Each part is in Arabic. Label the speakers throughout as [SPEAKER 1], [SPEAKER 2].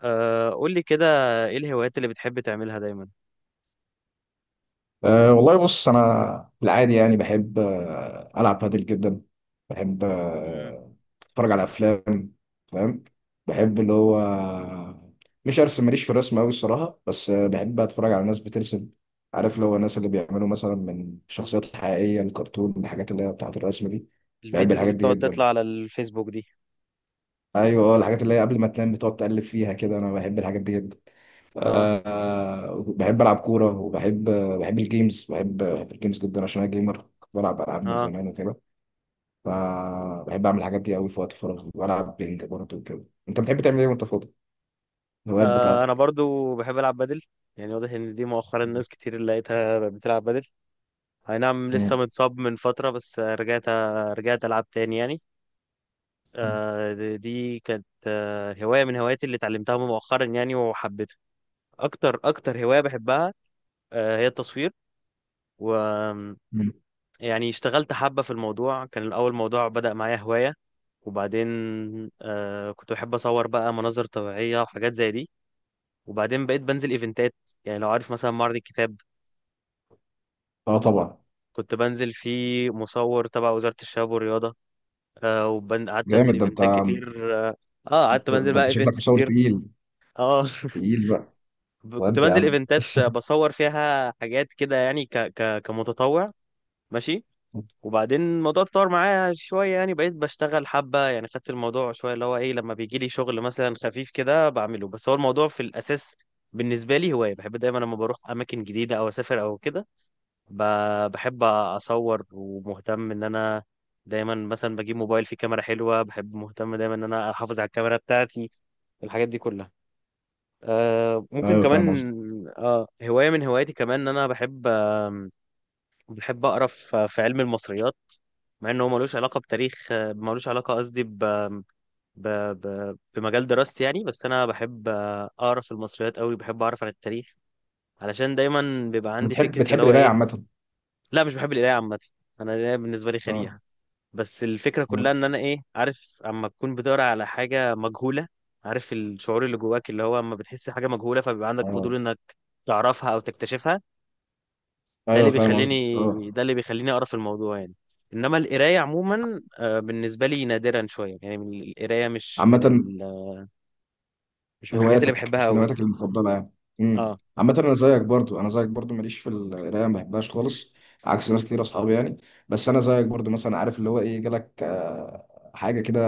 [SPEAKER 1] قول لي كده، ايه الهوايات اللي بتحب تعملها دايما؟
[SPEAKER 2] والله بص، انا بالعادي يعني بحب العب بادل جدا. بحب
[SPEAKER 1] مم.
[SPEAKER 2] اتفرج على افلام، فاهم؟ بحب اللي هو، مش ارسم، ماليش في الرسم قوي الصراحه، بس بحب اتفرج على ناس بترسم. عارف اللي هو الناس اللي بيعملوا مثلا من شخصيات حقيقيه الكرتون، الحاجات اللي هي بتاعه الرسم دي. بحب
[SPEAKER 1] الفيديوز اللي
[SPEAKER 2] الحاجات دي
[SPEAKER 1] بتقعد
[SPEAKER 2] جدا.
[SPEAKER 1] تطلع على الفيسبوك دي؟
[SPEAKER 2] ايوه، الحاجات اللي هي قبل ما تنام بتقعد تقلب فيها كده، انا بحب الحاجات دي جدا.
[SPEAKER 1] اه.
[SPEAKER 2] بحب العب كوره، وبحب بحب الجيمز، بحب الجيمز جدا عشان انا جيمر، كنت بلعب العاب من
[SPEAKER 1] اه،
[SPEAKER 2] زمان وكده. فبحب اعمل الحاجات دي قوي في وقت فراغي، والعب بينج برضه وكده. انت بتحب تعمل ايه وانت فاضي؟ الهوايات
[SPEAKER 1] انا
[SPEAKER 2] بتاعتك؟
[SPEAKER 1] برضو بحب العب بدل. يعني واضح ان دي مؤخرا ناس كتير اللي لقيتها بقت بتلعب بدل. اي نعم، لسه
[SPEAKER 2] مم.
[SPEAKER 1] متصاب من فترة بس رجعت. رجعت العب تاني يعني. دي كانت هواية من هواياتي اللي اتعلمتها مؤخرا يعني وحبيتها. اكتر اكتر هواية بحبها هي التصوير. و
[SPEAKER 2] مم.
[SPEAKER 1] يعني اشتغلت حبة في الموضوع. كان الأول موضوع بدأ معايا هواية، وبعدين كنت بحب اصور بقى مناظر طبيعيه وحاجات زي دي، وبعدين بقيت بنزل ايفنتات. يعني لو عارف مثلا معرض الكتاب،
[SPEAKER 2] اه طبعا.
[SPEAKER 1] كنت بنزل فيه مصور تبع وزاره الشباب والرياضه. وقعدت انزل
[SPEAKER 2] جامد ده انت،
[SPEAKER 1] ايفنتات كتير. اه. قعدت بنزل
[SPEAKER 2] ده
[SPEAKER 1] بقى
[SPEAKER 2] انت شكلك
[SPEAKER 1] ايفنتس
[SPEAKER 2] مصور
[SPEAKER 1] كتير.
[SPEAKER 2] تقيل،
[SPEAKER 1] اه.
[SPEAKER 2] تقيل بقى.
[SPEAKER 1] كنت
[SPEAKER 2] وانت يا
[SPEAKER 1] بنزل
[SPEAKER 2] عم؟
[SPEAKER 1] ايفنتات بصور فيها حاجات كده، يعني ك ك كمتطوع. ماشي. وبعدين الموضوع اتطور معايا شوية، يعني بقيت بشتغل حبة. يعني خدت الموضوع شوية، اللي هو ايه، لما بيجي لي شغل مثلا خفيف كده بعمله. بس هو الموضوع في الأساس بالنسبة لي هواية، بحب دايما لما بروح أماكن جديدة أو أسافر أو كده بحب أصور ومهتم إن أنا دايما مثلا بجيب موبايل فيه كاميرا حلوة. بحب مهتم دايما إن أنا أحافظ على الكاميرا بتاعتي، الحاجات دي كلها. ممكن
[SPEAKER 2] ايوه
[SPEAKER 1] كمان
[SPEAKER 2] فاهم قصدي.
[SPEAKER 1] هواية من هواياتي كمان إن أنا بحب بحب أقرأ في علم المصريات، مع انه هو ملوش علاقه بتاريخ، ملوش علاقه قصدي ب... بمجال دراستي يعني. بس انا بحب، اقرا في المصريات قوي. بحب اعرف عن التاريخ علشان دايما بيبقى عندي
[SPEAKER 2] بتحب
[SPEAKER 1] فكره اللي
[SPEAKER 2] بتحب
[SPEAKER 1] هو
[SPEAKER 2] القرايه
[SPEAKER 1] ايه.
[SPEAKER 2] عامه؟
[SPEAKER 1] لا، مش بحب القرايه عامه. انا القرايه بالنسبه لي
[SPEAKER 2] اه.
[SPEAKER 1] خريقه. بس الفكره كلها ان انا ايه، عارف اما تكون بتقرا على حاجه مجهوله. عارف الشعور اللي جواك اللي هو اما بتحس حاجه مجهوله فبيبقى عندك فضول
[SPEAKER 2] اه.
[SPEAKER 1] انك تعرفها او تكتشفها.
[SPEAKER 2] ايوه فاهم قصدي.
[SPEAKER 1] ده
[SPEAKER 2] اه،
[SPEAKER 1] اللي بيخليني اقرا في الموضوع يعني. انما القرايه عموما، بالنسبه لي نادرا شويه، يعني من القرايه،
[SPEAKER 2] عامة.
[SPEAKER 1] مش من الحاجات اللي
[SPEAKER 2] هواياتك،
[SPEAKER 1] بحبها
[SPEAKER 2] مش من
[SPEAKER 1] قوي.
[SPEAKER 2] هواياتك المفضلة يعني. امم.
[SPEAKER 1] اه.
[SPEAKER 2] عامة أنا زيك برضو، أنا زيك برضو ماليش في القراية، ما بحبهاش خالص، عكس ناس
[SPEAKER 1] مم.
[SPEAKER 2] كتير أصحابي يعني. بس أنا زيك برضو مثلا، عارف اللي هو إيه، جالك حاجة كده،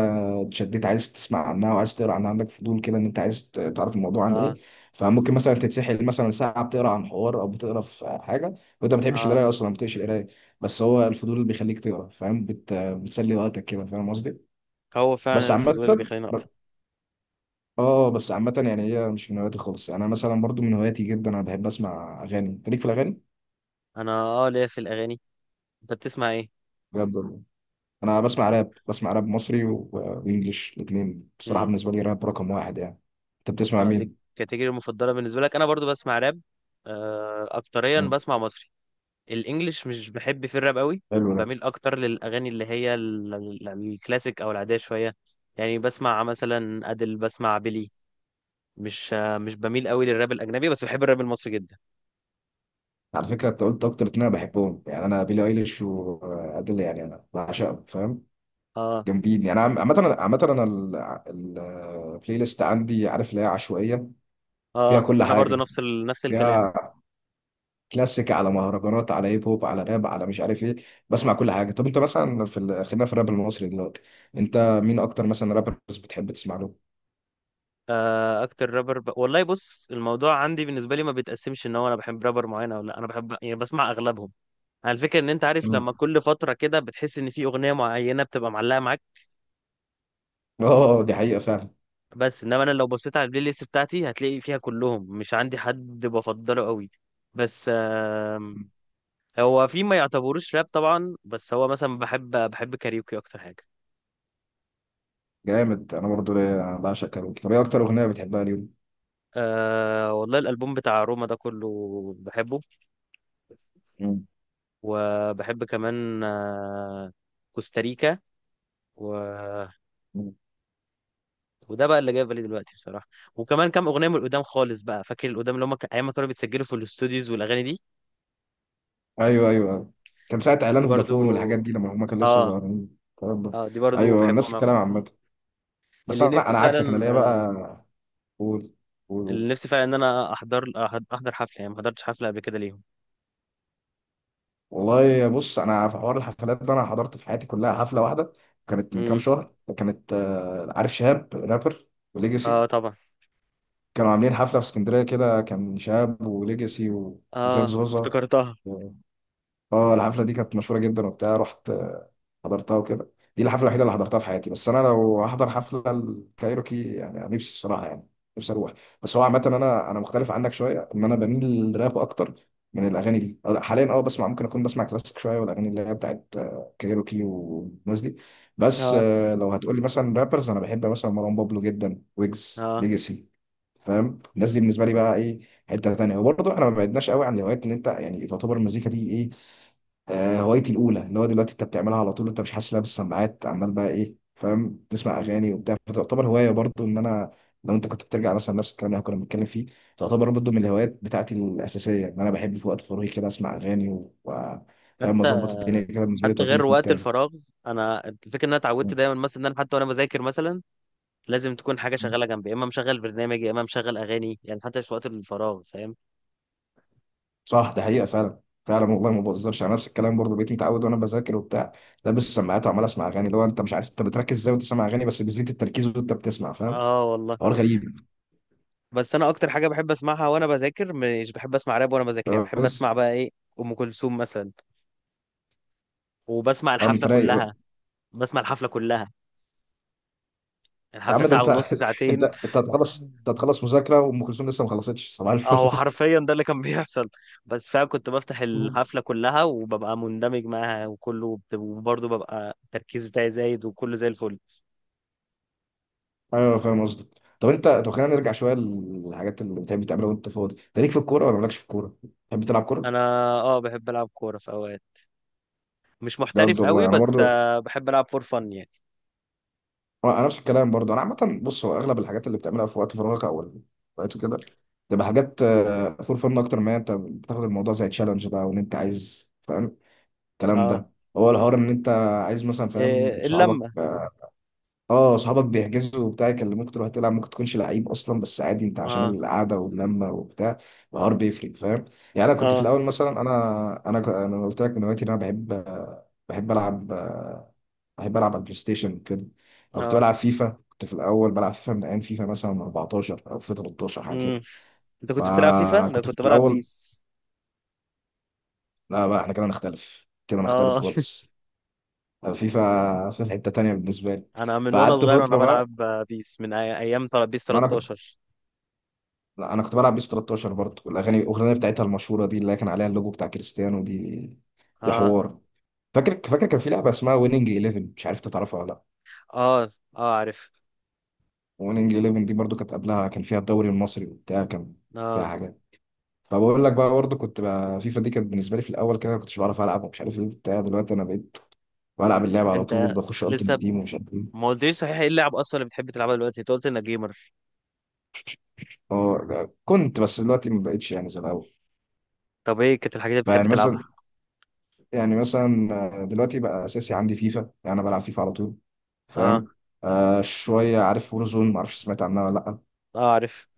[SPEAKER 2] اتشديت عايز تسمع عنها وعايز تقرا عنها، عندك فضول كده إن أنت عايز تعرف الموضوع عن إيه.
[SPEAKER 1] اه.
[SPEAKER 2] فممكن مثلا تتسحل مثلا ساعة بتقرا عن حوار، أو بتقرا في حاجة وأنت ما بتحبش
[SPEAKER 1] اه.
[SPEAKER 2] القراية أصلا، ما بتقش القراية. بس هو الفضول اللي بيخليك تقرا، فاهم، بتسلي وقتك كده، فاهم قصدي؟
[SPEAKER 1] هو فعلا
[SPEAKER 2] بس عامة،
[SPEAKER 1] الفضول اللي بيخليني اقرا.
[SPEAKER 2] اه بس عامة يعني هي مش من هواياتي خالص يعني. انا مثلا برضو من هواياتي جدا انا بحب اسمع اغاني. انت ليك في الاغاني؟
[SPEAKER 1] انا، ليا في الاغاني. انت بتسمع ايه؟
[SPEAKER 2] بجد والله؟ انا بسمع راب، بسمع راب مصري وانجليش، الاثنين بصراحة،
[SPEAKER 1] امم.
[SPEAKER 2] بالنسبة لي راب رقم واحد يعني. انت بتسمع
[SPEAKER 1] اه، دي
[SPEAKER 2] مين؟
[SPEAKER 1] الكاتيجوري المفضله بالنسبه لك. انا برضو بسمع راب. اكتريا
[SPEAKER 2] مم.
[SPEAKER 1] بسمع مصري. الانجليش مش بحب في الراب قوي.
[SPEAKER 2] حلو ده.
[SPEAKER 1] بميل اكتر للاغاني اللي هي الكلاسيك او العاديه شويه. يعني بسمع مثلا ادل، بسمع بيلي. مش بميل قوي للراب الاجنبي، بس بحب الراب المصري جدا.
[SPEAKER 2] على فكرة انت قلت اكتر اتنين انا بحبهم يعني، انا بيلي ايليش وادل يعني، انا بعشقهم، فاهم؟
[SPEAKER 1] اه.
[SPEAKER 2] جامدين يعني. عامة عامة انا، البلاي ليست عندي عارف اللي هي عشوائية، فيها
[SPEAKER 1] اه،
[SPEAKER 2] كل
[SPEAKER 1] انا برضو
[SPEAKER 2] حاجة،
[SPEAKER 1] نفس الكلام.
[SPEAKER 2] فيها كلاسيك، على مهرجانات، على هيب هوب، على راب، على مش عارف ايه. بسمع كل حاجه. طب انت مثلا في ال... خلينا في الراب المصري دلوقتي. انت مين اكتر مثلا رابرز بتحب تسمع له؟
[SPEAKER 1] اكتر رابر، والله بص، الموضوع عندي بالنسبه لي ما بيتقسمش ان هو انا بحب رابر معين او لا. انا بحب يعني بسمع اغلبهم. على الفكره ان انت عارف لما
[SPEAKER 2] مم.
[SPEAKER 1] كل فتره كده بتحس ان في اغنيه معينه بتبقى معلقه معاك.
[SPEAKER 2] اه دي حقيقه فعلا.
[SPEAKER 1] بس انما انا لو بصيت على البلاي ليست بتاعتي هتلاقي فيها كلهم. مش عندي حد بفضله قوي. بس، هو في ما يعتبروش راب طبعا، بس هو مثلا بحب كاريوكي اكتر حاجه.
[SPEAKER 2] جامد، انا برضو ليا، انا بعشق كاروكي. طب ايه اكتر اغنيه بتحبها ليهم؟
[SPEAKER 1] أه والله، الالبوم بتاع روما ده كله بحبه.
[SPEAKER 2] مم.
[SPEAKER 1] وبحب كمان، كوستاريكا، و...
[SPEAKER 2] مم.
[SPEAKER 1] وده بقى اللي جاي في بالي دلوقتي بصراحه. وكمان كام اغنيه من القدام خالص بقى، فاكر القدام اللي هم ايام ما كانوا بيتسجلوا في الاستوديوز والاغاني دي.
[SPEAKER 2] ايوه ايوه أيوة. كان ساعه
[SPEAKER 1] دي
[SPEAKER 2] اعلان
[SPEAKER 1] برضو.
[SPEAKER 2] فودافون والحاجات دي، لما هما كانوا لسه
[SPEAKER 1] اه.
[SPEAKER 2] صغيرين، الكلام ده.
[SPEAKER 1] اه، دي برضو
[SPEAKER 2] ايوه نفس
[SPEAKER 1] بحبهم أوي.
[SPEAKER 2] الكلام عامه. بس
[SPEAKER 1] اللي
[SPEAKER 2] انا
[SPEAKER 1] نفسي
[SPEAKER 2] انا
[SPEAKER 1] فعلا.
[SPEAKER 2] عكسك، انا ليا بقى. قول، قول قول.
[SPEAKER 1] اللي نفسي فعلا ان انا احضر حفله، يعني ما حضرتش حفله قبل كده ليهم.
[SPEAKER 2] والله بص، انا في حوار الحفلات ده، انا حضرت في حياتي كلها حفله واحده، كانت من كام
[SPEAKER 1] امم.
[SPEAKER 2] شهر. كانت عارف شهاب رابر
[SPEAKER 1] اه
[SPEAKER 2] وليجاسي،
[SPEAKER 1] طبعا.
[SPEAKER 2] كانوا عاملين حفله في اسكندريه كده، كان شهاب وليجاسي وزياد
[SPEAKER 1] اه
[SPEAKER 2] زوزة.
[SPEAKER 1] افتكرتها.
[SPEAKER 2] اه الحفله دي كانت مشهوره جدا وبتاع، رحت حضرتها وكده. دي الحفله الوحيده اللي حضرتها في حياتي. بس انا لو هحضر حفله الكايروكي يعني، أنا نفسي الصراحه يعني، نفسي اروح. بس هو عامه، انا مختلف عنك شويه، ان انا بميل للراب اكتر من الاغاني دي. حاليا اه بسمع، ممكن اكون بسمع كلاسيك شويه، والاغاني اللي هي بتاعت كايروكي والناس دي. بس
[SPEAKER 1] اه.
[SPEAKER 2] لو هتقول لي مثلا رابرز، انا بحب مثلا مروان بابلو جدا، ويجز،
[SPEAKER 1] اه.
[SPEAKER 2] ليجاسي. فاهم؟ الناس دي
[SPEAKER 1] مم.
[SPEAKER 2] بالنسبه لي بقى ايه، حته تانيه. وبرضه احنا ما بعدناش قوي عن الهوايات، ان انت يعني تعتبر المزيكا دي ايه، هوايتي الاولى. اللي هو دلوقتي انت بتعملها على طول، انت مش حاسس، لابس السماعات عمال بقى ايه، فاهم، تسمع
[SPEAKER 1] مم.
[SPEAKER 2] اغاني وبتاع. فتعتبر هوايه برضو ان انا، لو انت كنت بترجع مثلا نفس الكلام اللي إحنا كنا بنتكلم فيه، تعتبر برضو من الهوايات بتاعتي الاساسيه ان انا بحب في وقت فراغي كده اسمع اغاني فاهم
[SPEAKER 1] حتى
[SPEAKER 2] اظبط الدنيا كده، بالنسبه لي
[SPEAKER 1] حتى
[SPEAKER 2] توديني
[SPEAKER 1] غير
[SPEAKER 2] في مود
[SPEAKER 1] وقت
[SPEAKER 2] تاني.
[SPEAKER 1] الفراغ، انا الفكره ان انا اتعودت دايما مثلا ان انا حتى وانا بذاكر مثلا لازم تكون حاجه شغاله جنبي، يا اما مشغل برنامج يا اما مشغل اغاني. يعني حتى في وقت الفراغ، فاهم؟
[SPEAKER 2] صح، ده حقيقه فعلا، فعلا والله ما بهزرش. على نفس الكلام برضو، بقيت متعود وانا بذاكر وبتاع، لابس السماعات وعمال اسمع اغاني. اللي هو انت مش عارف انت بتركز ازاي وانت سامع اغاني، بس بيزيد التركيز وانت بتسمع، فاهم.
[SPEAKER 1] اه والله.
[SPEAKER 2] حوار غريب.
[SPEAKER 1] بس انا اكتر حاجه بحب اسمعها وانا بذاكر، مش بحب اسمع راب وانا بذاكر. يعني بحب
[SPEAKER 2] بس.
[SPEAKER 1] اسمع بقى ايه، ام كلثوم مثلا، وبسمع
[SPEAKER 2] اه انت
[SPEAKER 1] الحفله
[SPEAKER 2] رايق
[SPEAKER 1] كلها
[SPEAKER 2] بقى.
[SPEAKER 1] بسمع الحفلة كلها.
[SPEAKER 2] يا
[SPEAKER 1] الحفلة
[SPEAKER 2] عم ده
[SPEAKER 1] ساعة
[SPEAKER 2] انت
[SPEAKER 1] ونص،
[SPEAKER 2] انت،
[SPEAKER 1] ساعتين.
[SPEAKER 2] انت هتخلص، انت هتخلص مذاكره وام كلثوم لسه ما خلصتش صباح الفل.
[SPEAKER 1] اهو حرفيا ده اللي كان بيحصل. بس فعلا كنت بفتح الحفلة كلها وببقى مندمج معاها، وكله وبرضه ببقى التركيز بتاعي زايد وكله زي الفل.
[SPEAKER 2] ايوه فاهم قصدك. طب انت، طب خلينا نرجع شويه للحاجات اللي بتحب تعملها وانت فاضي. انت ليك في الكوره ولا مالكش في الكوره؟ بتحب تلعب كوره؟
[SPEAKER 1] انا، اه بحب العب كورة في اوقات، مش
[SPEAKER 2] بجد
[SPEAKER 1] محترف قوي،
[SPEAKER 2] والله؟ انا
[SPEAKER 1] بس
[SPEAKER 2] برضو،
[SPEAKER 1] بحب العب فور فن يعني.
[SPEAKER 2] انا نفس الكلام برضو، انا عامه بص، هو اغلب الحاجات اللي بتعملها في وقت فراغك، او وقت كده، تبقى حاجات فور فن، اكتر ما انت بتاخد الموضوع زي تشالنج بقى، وان انت عايز، فاهم، الكلام
[SPEAKER 1] اه.
[SPEAKER 2] ده. هو الحوار ان انت عايز مثلا، فاهم
[SPEAKER 1] إيه
[SPEAKER 2] صحابك
[SPEAKER 1] اللمة؟
[SPEAKER 2] اه صحابك بيحجزوا وبتاع يكلموك تروح تلعب، ممكن تكونش لعيب اصلا، بس عادي انت عشان
[SPEAKER 1] اه.
[SPEAKER 2] القعده واللمه وبتاع، الحوار بيفرق، فاهم؟ يعني انا كنت في
[SPEAKER 1] اه.
[SPEAKER 2] الاول مثلا، انا انا قلت لك من هوايتي ان انا بحب، العب بحب العب على البلاي ستيشن كده، او كنت
[SPEAKER 1] اه.
[SPEAKER 2] بلعب فيفا. كنت في الاول بلعب فيفا من ايام فيفا مثلا 14 او فيفا 13 حاجه كده.
[SPEAKER 1] امم. انت كنت بتلعب فيفا، انا
[SPEAKER 2] فكنت في
[SPEAKER 1] كنت بلعب
[SPEAKER 2] الاول،
[SPEAKER 1] بيس.
[SPEAKER 2] لا بقى احنا كده نختلف، كده نختلف
[SPEAKER 1] اه،
[SPEAKER 2] خالص. فيفا، فيفا حته تانيه بالنسبه لي.
[SPEAKER 1] انا من وانا
[SPEAKER 2] فقعدت
[SPEAKER 1] صغير وانا
[SPEAKER 2] فتره بقى،
[SPEAKER 1] بلعب، بيس، من ايام بيس
[SPEAKER 2] ما انا كنت
[SPEAKER 1] 13.
[SPEAKER 2] لا انا كنت بلعب بيس 13 برضه. الاغنيه بتاعتها المشهوره دي، اللي كان عليها اللوجو بتاع كريستيانو دي، دي
[SPEAKER 1] اه.
[SPEAKER 2] حوار. فاكر كان في لعبه اسمها ويننج 11، مش عارف انت تعرفها ولا لا.
[SPEAKER 1] اه. اه عارف.
[SPEAKER 2] ويننج 11 دي برضه، كانت قبلها كان فيها الدوري المصري وبتاع، كان فيها
[SPEAKER 1] اه.
[SPEAKER 2] حاجات. فبقول لك بقى، برضه كنت بقى، فيفا دي كانت بالنسبه لي في الاول كده ما كنتش بعرف العب ومش عارف ايه بتاع. دلوقتي انا بقيت بلعب اللعبه على طول،
[SPEAKER 1] انت
[SPEAKER 2] بخش التيم
[SPEAKER 1] لسه
[SPEAKER 2] تيم ومش عارف ايه.
[SPEAKER 1] ما قلتليش صحيح، ايه اللعب اصلا اللي بتحب تلعبها دلوقتي؟ انت قلت انك جيمر.
[SPEAKER 2] اه كنت، بس دلوقتي ما بقتش يعني زي الاول.
[SPEAKER 1] طب ايه كانت الحاجات اللي بتحب
[SPEAKER 2] فيعني
[SPEAKER 1] تلعبها؟
[SPEAKER 2] مثلا يعني مثلا دلوقتي بقى اساسي عندي فيفا يعني، انا بلعب فيفا على طول،
[SPEAKER 1] اه.
[SPEAKER 2] فاهم. آه شوية عارف وورزون، معرفش سمعت عنها ولا لأ،
[SPEAKER 1] اه عارف.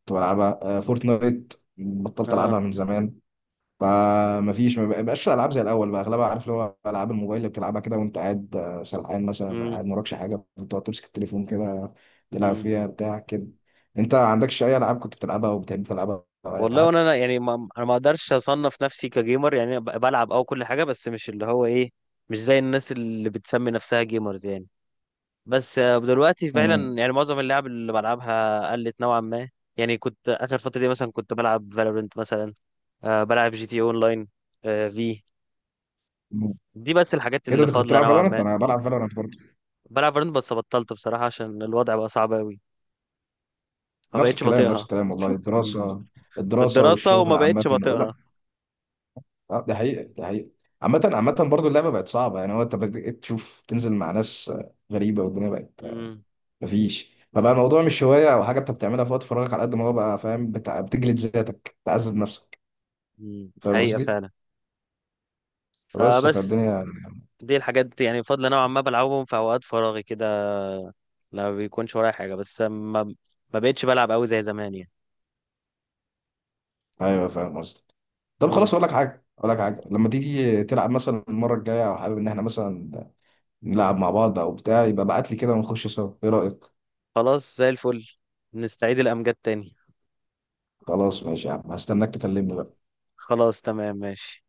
[SPEAKER 2] كنت بلعبها. آه فورتنايت بطلت
[SPEAKER 1] اه.
[SPEAKER 2] ألعبها من زمان. فمفيش، ما بقاش الألعاب زي الأول بقى، أغلبها عارف اللي هو ألعاب الموبايل اللي بتلعبها كده وأنت قاعد سرحان مثلا،
[SPEAKER 1] امم.
[SPEAKER 2] قاعد مراكش حاجة، بتقعد تمسك التليفون كده تلعب
[SPEAKER 1] امم.
[SPEAKER 2] فيها بتاع كده. أنت عندكش أي ألعاب كنت بتلعبها أو بتحب تلعبها أو أي
[SPEAKER 1] والله
[SPEAKER 2] حاجة؟
[SPEAKER 1] وانا يعني، ما انا ما اقدرش اصنف نفسي كجيمر، يعني أنا بلعب او كل حاجه، بس مش اللي هو ايه، مش زي الناس اللي بتسمي نفسها جيمرز يعني. بس، دلوقتي
[SPEAKER 2] مم.
[SPEAKER 1] فعلا يعني معظم اللعب اللي بلعبها قلت نوعا ما. يعني كنت اخر فتره دي مثلا كنت بلعب فالورنت مثلا. بلعب جي تي اون لاين. آه في
[SPEAKER 2] مم.
[SPEAKER 1] دي بس الحاجات
[SPEAKER 2] إيه ده
[SPEAKER 1] اللي
[SPEAKER 2] أنت كنت
[SPEAKER 1] فاضله
[SPEAKER 2] بتلعب
[SPEAKER 1] نوعا
[SPEAKER 2] فالورانت؟
[SPEAKER 1] ما.
[SPEAKER 2] أنا بلعب فالورانت برضه.
[SPEAKER 1] بلعب فالورنت بس بطلت بصراحه عشان الوضع بقى صعب قوي. ما
[SPEAKER 2] نفس
[SPEAKER 1] بقتش
[SPEAKER 2] الكلام، نفس
[SPEAKER 1] بطيقها.
[SPEAKER 2] الكلام والله، الدراسة،
[SPEAKER 1] في
[SPEAKER 2] الدراسة
[SPEAKER 1] الدراسه، وما
[SPEAKER 2] والشغل عامة.
[SPEAKER 1] بقتش بطيقها.
[SPEAKER 2] اه ده حقيقة، ده حقيقة. عامة، عامة برضه اللعبة بقت صعبة يعني، هو انت بقيت تشوف تنزل مع ناس غريبة، والدنيا بقت
[SPEAKER 1] امم
[SPEAKER 2] مفيش. فبقى الموضوع مش هواية أو حاجة أنت بتعملها في وقت فراغك، على قد ما هو بقى، فاهم، بتجلد ذاتك، تعذب نفسك،
[SPEAKER 1] أمم،
[SPEAKER 2] فاهم
[SPEAKER 1] حقيقه
[SPEAKER 2] قصدي؟
[SPEAKER 1] فعلا.
[SPEAKER 2] فبس،
[SPEAKER 1] فبس،
[SPEAKER 2] فالدنيا.
[SPEAKER 1] دي الحاجات يعني فاضله نوعا ما بلعبهم في اوقات فراغي كده. لا بيكونش ورايا حاجه بس ما بقتش بلعب قوي زي زمان
[SPEAKER 2] أيوه فاهم قصدي. طب
[SPEAKER 1] يعني.
[SPEAKER 2] خلاص، أقول لك حاجة، أقول لك حاجة، لما تيجي تلعب مثلا المرة الجاية، أو حابب إن إحنا مثلا نلعب مع بعض أو بتاع، يبقى ابعت لي كده ونخش سوا، إيه رأيك؟
[SPEAKER 1] خلاص زي الفل. نستعيد الأمجاد تاني.
[SPEAKER 2] خلاص ماشي يا عم، هستناك تكلمني بقى.
[SPEAKER 1] خلاص تمام، ماشي.